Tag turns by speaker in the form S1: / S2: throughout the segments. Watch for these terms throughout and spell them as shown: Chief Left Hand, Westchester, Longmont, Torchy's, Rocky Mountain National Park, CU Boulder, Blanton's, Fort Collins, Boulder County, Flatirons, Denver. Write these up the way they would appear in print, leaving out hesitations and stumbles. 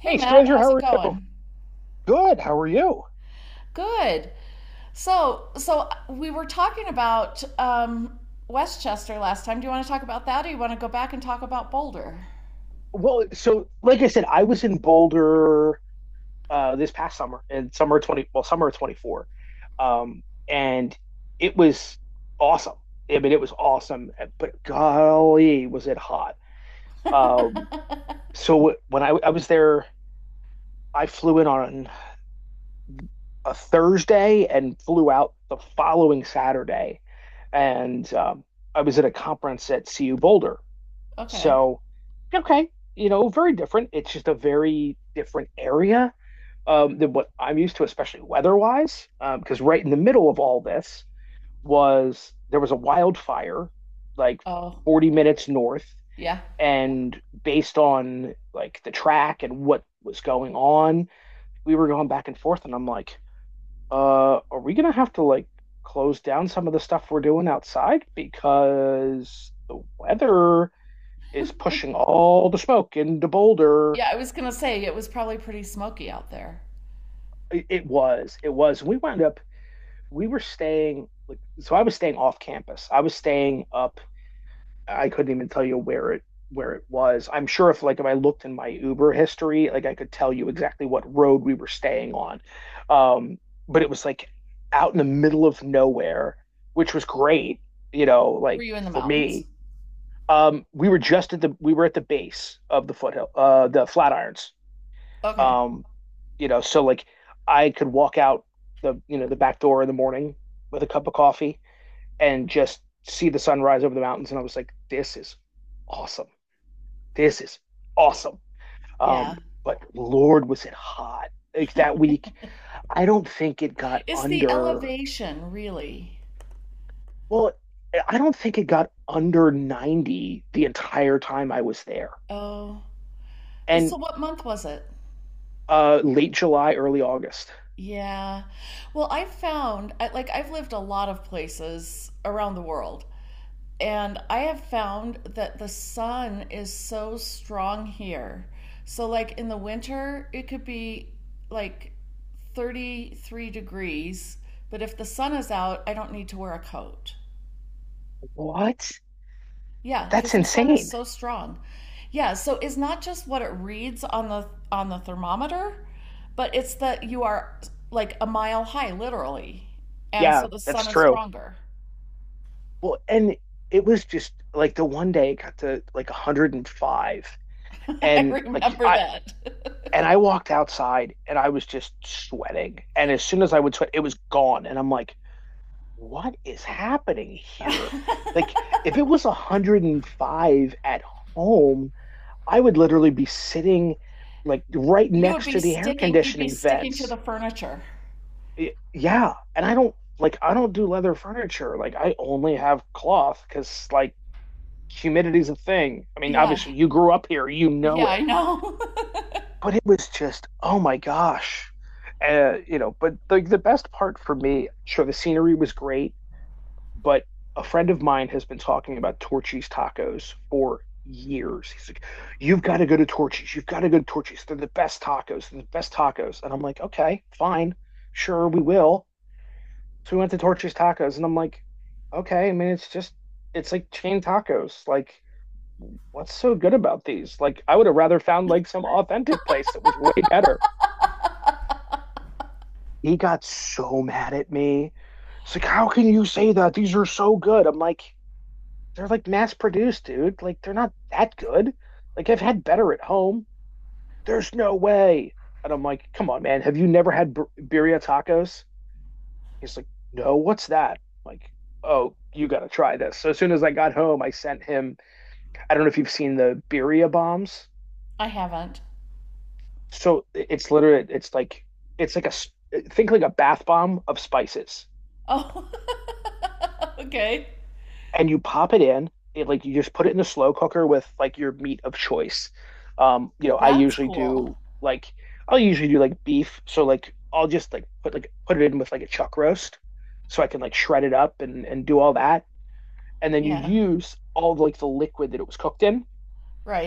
S1: Hey
S2: Hey,
S1: Matt,
S2: stranger,
S1: how's
S2: how
S1: it
S2: are you?
S1: going?
S2: Good. How are you?
S1: Good. So we were talking about Westchester last time. Do you want to talk about that, or you want to go back and talk about Boulder?
S2: Well, so like I said, I was in Boulder this past summer, and summer of twenty four, and it was awesome. I mean, it was awesome, but golly, was it hot! Um, so when I was there, I flew in on a Thursday and flew out the following Saturday, and I was at a conference at CU Boulder.
S1: Okay.
S2: So, okay, you know, very different. It's just a very different area than what I'm used to, especially weather-wise. Because right in the middle of all this was there was a wildfire, like
S1: Oh,
S2: 40 minutes north,
S1: yeah.
S2: and based on like the track and what was going on, we were going back and forth, and I'm like, are we gonna have to like close down some of the stuff we're doing outside because the weather is pushing all the smoke into Boulder.
S1: Yeah, I was gonna say it was probably pretty smoky out there.
S2: It was. We wound up, we were staying, like, so I was staying off campus. I was staying up. I couldn't even tell you where it was. I'm sure if like if I looked in my Uber history, like I could tell you exactly what road we were staying on. Um, but it was like out in the middle of nowhere, which was great, you know,
S1: Were
S2: like
S1: you in the
S2: for
S1: mountains?
S2: me. Um, we were at the base of the foothill, the Flatirons.
S1: Okay.
S2: Um, you know, so like I could walk out the you know the back door in the morning with a cup of coffee and just see the sunrise over the mountains, and I was like, this is awesome. This is awesome.
S1: Yeah.
S2: Um, but Lord, was it hot like that week? I don't think it got
S1: It's the
S2: under.
S1: elevation, really.
S2: Well, I don't think it got under 90 the entire time I was there.
S1: Oh. So
S2: And
S1: what month was it?
S2: late July, early August.
S1: Yeah. Well, I've found, I, like, I've lived a lot of places around the world, and I have found that the sun is so strong here. So, like in the winter, it could be like 33 degrees. But if the sun is out, I don't need to wear a coat.
S2: What?
S1: Yeah,
S2: That's
S1: because the sun is
S2: insane.
S1: so strong. Yeah, so it's not just what it reads on the thermometer, but it's that you are like a mile high, literally. And
S2: Yeah,
S1: so the
S2: that's
S1: sun is
S2: true.
S1: stronger.
S2: Well, and it was just like the one day it got to like 105,
S1: I
S2: and like
S1: remember
S2: I
S1: that.
S2: and I walked outside and I was just sweating. And as soon as I would sweat, it was gone. And I'm like, what is happening here? Like if it was 105 at home, I would literally be sitting like right
S1: You would
S2: next
S1: be
S2: to the air
S1: sticking you'd be
S2: conditioning
S1: sticking to the
S2: vents.
S1: furniture.
S2: Yeah, and I don't like I don't do leather furniture. Like I only have cloth because like humidity's a thing. I mean,
S1: Yeah.
S2: obviously, you grew up here, you know
S1: Yeah, I
S2: it.
S1: know.
S2: But it was just, oh my gosh, you know. But the best part for me, sure, the scenery was great, but a friend of mine has been talking about Torchy's tacos for years. He's like, "You've got to go to Torchy's. You've got to go to Torchy's. They're the best tacos. They're the best tacos." And I'm like, "Okay, fine, sure, we will." So we went to Torchy's tacos, and I'm like, "Okay, I mean, it's just." It's like chain tacos. Like what's so good about these? Like, I would have rather found like some authentic place that was way better. He got so mad at me. It's like, how can you say that? These are so good. I'm like, they're like mass produced, dude. Like, they're not that good. Like, I've had better at home. There's no way. And I'm like, come on, man. Have you never had birria tacos? He's like, no, what's that? I'm like, oh, you got to try this. So as soon as I got home, I sent him, I don't know if you've seen the birria bombs.
S1: I haven't.
S2: So it's literally it's like a think like a bath bomb of spices,
S1: Oh. Okay.
S2: and you pop it in. It like You just put it in the slow cooker with like your meat of choice. You know,
S1: That's cool.
S2: like I'll usually do like beef. So like I'll just like put it in with like a chuck roast, so I can like shred it up and do all that. And then you
S1: Yeah.
S2: use all like the liquid that it was cooked in.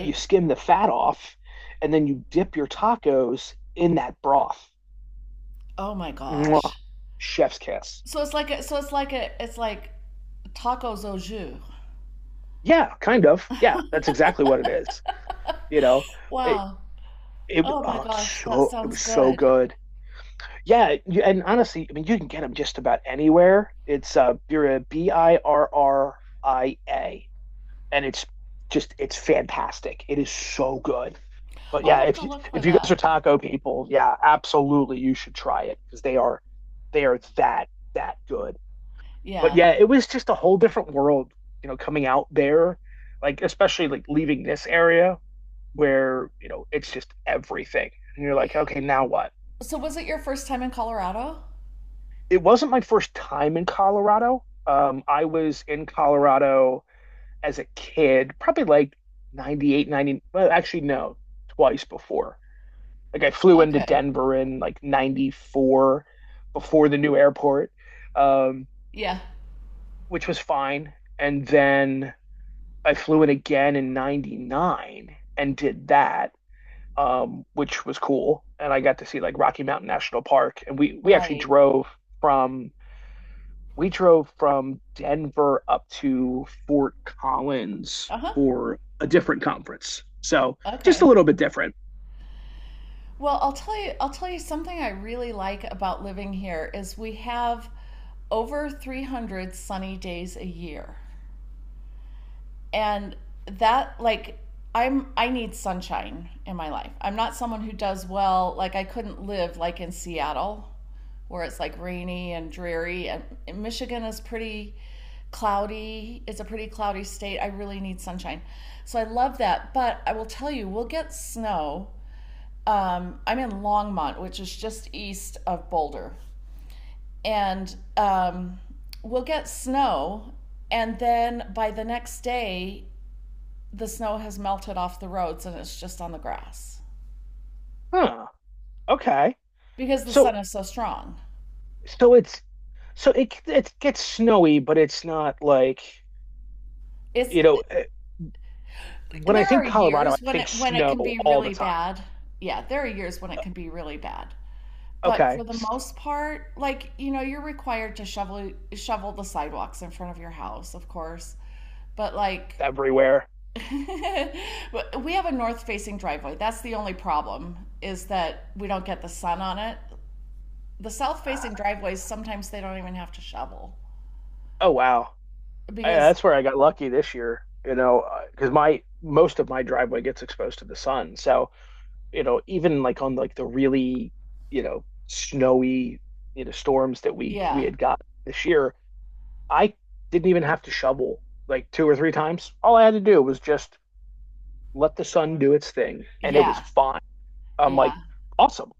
S2: You skim the fat off, and then you dip your tacos in that broth.
S1: Oh my
S2: Mwah.
S1: gosh.
S2: Chef's kiss.
S1: So it's like a, so it's like a it's like tacos au jus.
S2: Yeah, kind of. Yeah, that's exactly what it is. You know, it
S1: Wow.
S2: it
S1: Oh my
S2: oh,
S1: gosh, that
S2: it
S1: sounds
S2: was so
S1: good.
S2: good. Yeah, you, and honestly, I mean, you can get them just about anywhere. It's Birria, Birria, and it's fantastic. It is so good. But
S1: I'll
S2: yeah,
S1: have
S2: if
S1: to look for
S2: you guys are
S1: that.
S2: taco people, yeah, absolutely, you should try it because they are that good. But
S1: Yeah.
S2: yeah, it was just a whole different world, you know, coming out there, like especially like leaving this area where, you know, it's just everything. And you're like, okay, now what?
S1: So was it your first time in Colorado?
S2: It wasn't my first time in Colorado. I was in Colorado as a kid, probably like 98, 90. Well, actually, no, twice before. Like I flew into
S1: Okay.
S2: Denver in like 94 before the new airport, um,
S1: Yeah.
S2: which was fine. And then I flew it again in 99 and did that, which was cool. And I got to see like Rocky Mountain National Park. And we actually
S1: Right.
S2: drove from we drove from Denver up to Fort Collins
S1: Uh-huh.
S2: for a different conference. So just a
S1: Okay.
S2: little bit different.
S1: Well, I'll tell you something I really like about living here is we have over 300 sunny days a year. And that like I need sunshine in my life. I'm not someone who does well, like I couldn't live like in Seattle where it's like rainy and dreary, and Michigan is pretty cloudy. It's a pretty cloudy state. I really need sunshine. So I love that, but I will tell you we'll get snow, I'm in Longmont, which is just east of Boulder, and we'll get snow, and then by the next day, the snow has melted off the roads and it's just on the grass
S2: Huh. Okay.
S1: because the
S2: So
S1: sun is so strong.
S2: so it's so it it gets snowy, but it's not like,
S1: It's
S2: you know, eh, when I
S1: There are
S2: think Colorado, I
S1: years when it
S2: think
S1: when it
S2: snow
S1: can be
S2: all the
S1: really
S2: time.
S1: bad. Yeah, there are years when it can be really bad. But
S2: Okay.
S1: for the most part, like, you know, you're required to shovel the sidewalks in front of your house, of course. But like
S2: Everywhere.
S1: we have a north facing driveway. That's the only problem is that we don't get the sun on it. The south facing driveways, sometimes they don't even have to shovel
S2: Oh wow. Yeah,
S1: because,
S2: that's where I got lucky this year. You know, because my most of my driveway gets exposed to the sun, so you know, even like on like the really you know snowy you know storms that we
S1: yeah,
S2: had got this year, I didn't even have to shovel like two or three times. All I had to do was just let the sun do its thing, and it was
S1: yeah,
S2: fine. I'm
S1: yeah.
S2: like, awesome.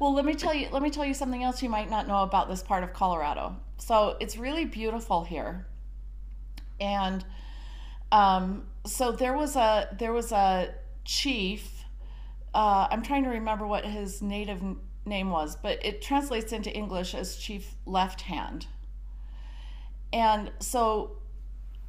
S1: Well, let me tell
S2: Like,
S1: you, let me tell you something else you might not know about this part of Colorado. So it's really beautiful here. And so there was a chief, I'm trying to remember what his native name was, but it translates into English as Chief Left Hand. And so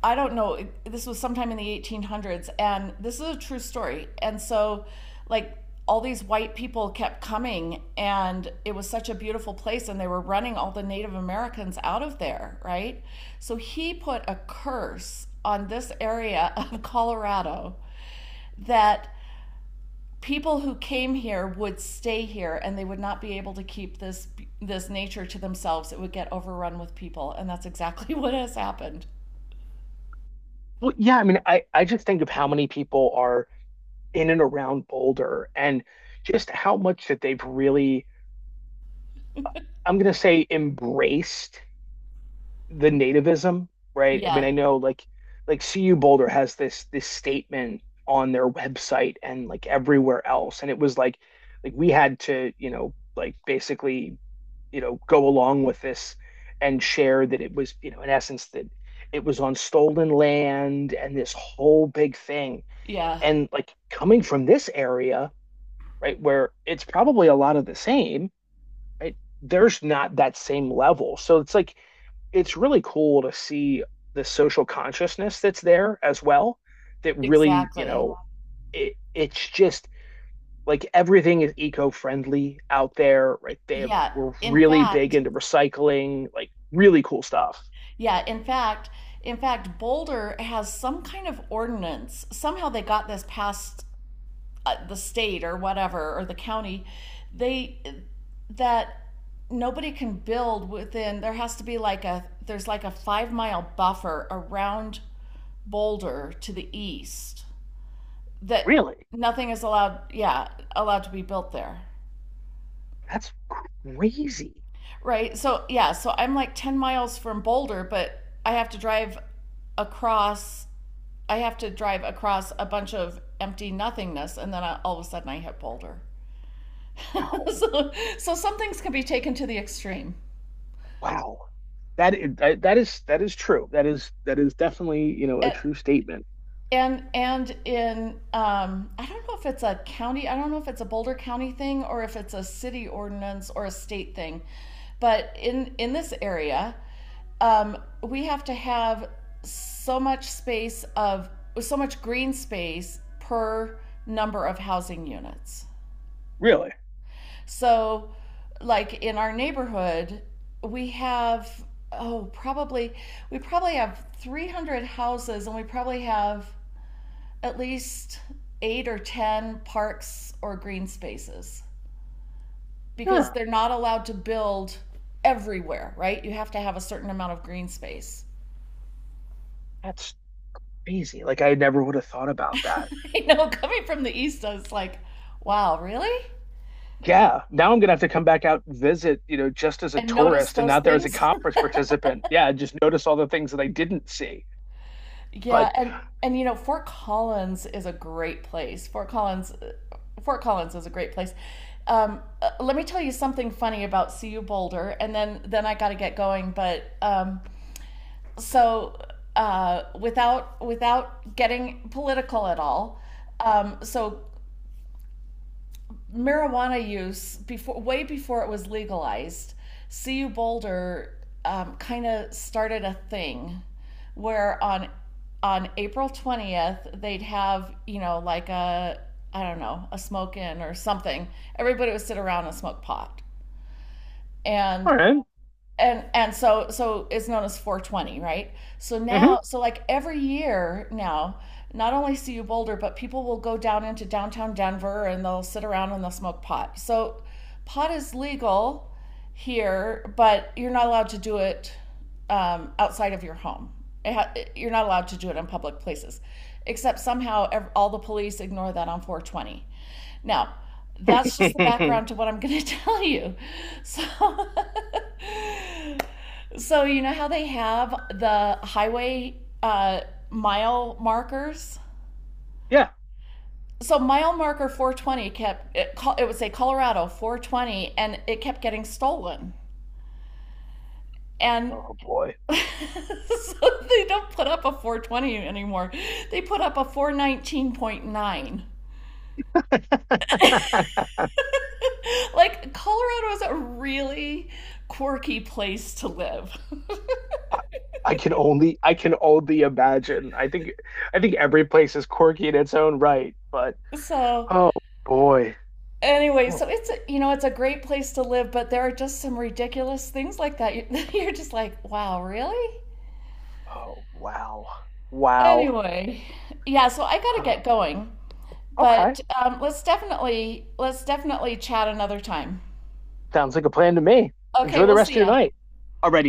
S1: I don't know, this was sometime in the 1800s, and this is a true story. And so, like, all these white people kept coming, and it was such a beautiful place, and they were running all the Native Americans out of there, right? So he put a curse on this area of Colorado that people who came here would stay here and they would not be able to keep this nature to themselves. It would get overrun with people, and that's exactly what has happened.
S2: well, yeah. I mean, I just think of how many people are in and around Boulder and just how much that they've really I'm gonna say embraced the nativism, right? I mean,
S1: Yeah,
S2: I know like CU Boulder has this statement on their website and like everywhere else, and it was like we had to, you know, like basically, you know, go along with this and share that it was, you know, in essence that it was on stolen land and this whole big thing.
S1: Yeah,
S2: And like coming from this area, right, where it's probably a lot of the same, right? There's not that same level. So it's really cool to see the social consciousness that's there as well. That really, you
S1: exactly.
S2: know, it's just like everything is eco-friendly out there, right? They have
S1: Yeah,
S2: we're
S1: in
S2: really big
S1: fact,
S2: into recycling, like really cool stuff.
S1: yeah, in fact, in fact, Boulder has some kind of ordinance. Somehow they got this past the state or whatever or the county. They that nobody can build within. There has to be like a there's like a 5 mile buffer around Boulder to the east that
S2: Really?
S1: nothing is allowed. Yeah, allowed to be built there.
S2: That's crazy.
S1: Right. So yeah, so I'm like 10 miles from Boulder, but I have to drive across a bunch of empty nothingness, and then I, all of a sudden I hit Boulder.
S2: Wow.
S1: So so some things can be taken to the extreme.
S2: Wow. That is true. That is definitely, you know, a
S1: And
S2: true statement.
S1: and in I don't know if it's a county, I don't know if it's a Boulder County thing or if it's a city ordinance or a state thing, but in this area, we have to have so much space of so much green space per number of housing units.
S2: Really?
S1: So, like in our neighborhood, we have oh probably we probably have 300 houses and we probably have at least eight or 10 parks or green spaces because
S2: Huh.
S1: they're not allowed to build everywhere, right? You have to have a certain amount of green space.
S2: That's crazy. Like I never would have thought about that.
S1: I know coming from the East, I was like, wow, really?
S2: Yeah. Now I'm gonna have to come back out and visit, you know, just as a
S1: And notice
S2: tourist and
S1: those
S2: not there as a
S1: things?
S2: conference participant. Yeah, just notice all the things that I didn't see.
S1: Yeah,
S2: But
S1: and you know, Fort Collins is a great place. Fort Collins is a great place. Let me tell you something funny about CU Boulder, and then I got to get going. But so, without getting political at all, so marijuana use before, way before it was legalized, CU Boulder kind of started a thing where on April 20th they'd have, you know, like a I don't know a smoke in or something. Everybody would sit around and smoke pot, and
S2: all right.
S1: and so it's known as 420, right? So
S2: Mm-hmm.
S1: now, so like every year now, not only see you Boulder, but people will go down into downtown Denver and they'll sit around and they'll smoke pot. So pot is legal here, but you're not allowed to do it outside of your home. You're not allowed to do it in public places, except somehow all the police ignore that on 420. Now that's just the background to what I'm going to tell you. So so you know how they have the highway uh, mile markers.
S2: Yeah.
S1: So mile marker 420 kept it, it would say Colorado 420, and it kept getting stolen. And
S2: Oh boy.
S1: so they don't put up a 420 anymore. They put up a 419.9.
S2: I
S1: Like Colorado is a really quirky place to live.
S2: I can only imagine. I think every place is quirky in its own right, but
S1: So
S2: oh boy.
S1: anyway,
S2: Oh,
S1: so it's you know it's a great place to live, but there are just some ridiculous things like that. You're just like, wow, really?
S2: oh wow. Wow.
S1: Anyway, yeah. So I got to get going,
S2: Okay.
S1: but let's definitely chat another time.
S2: Sounds like a plan to me.
S1: Okay,
S2: Enjoy the
S1: we'll
S2: rest
S1: see
S2: of your
S1: ya.
S2: night. Alrighty.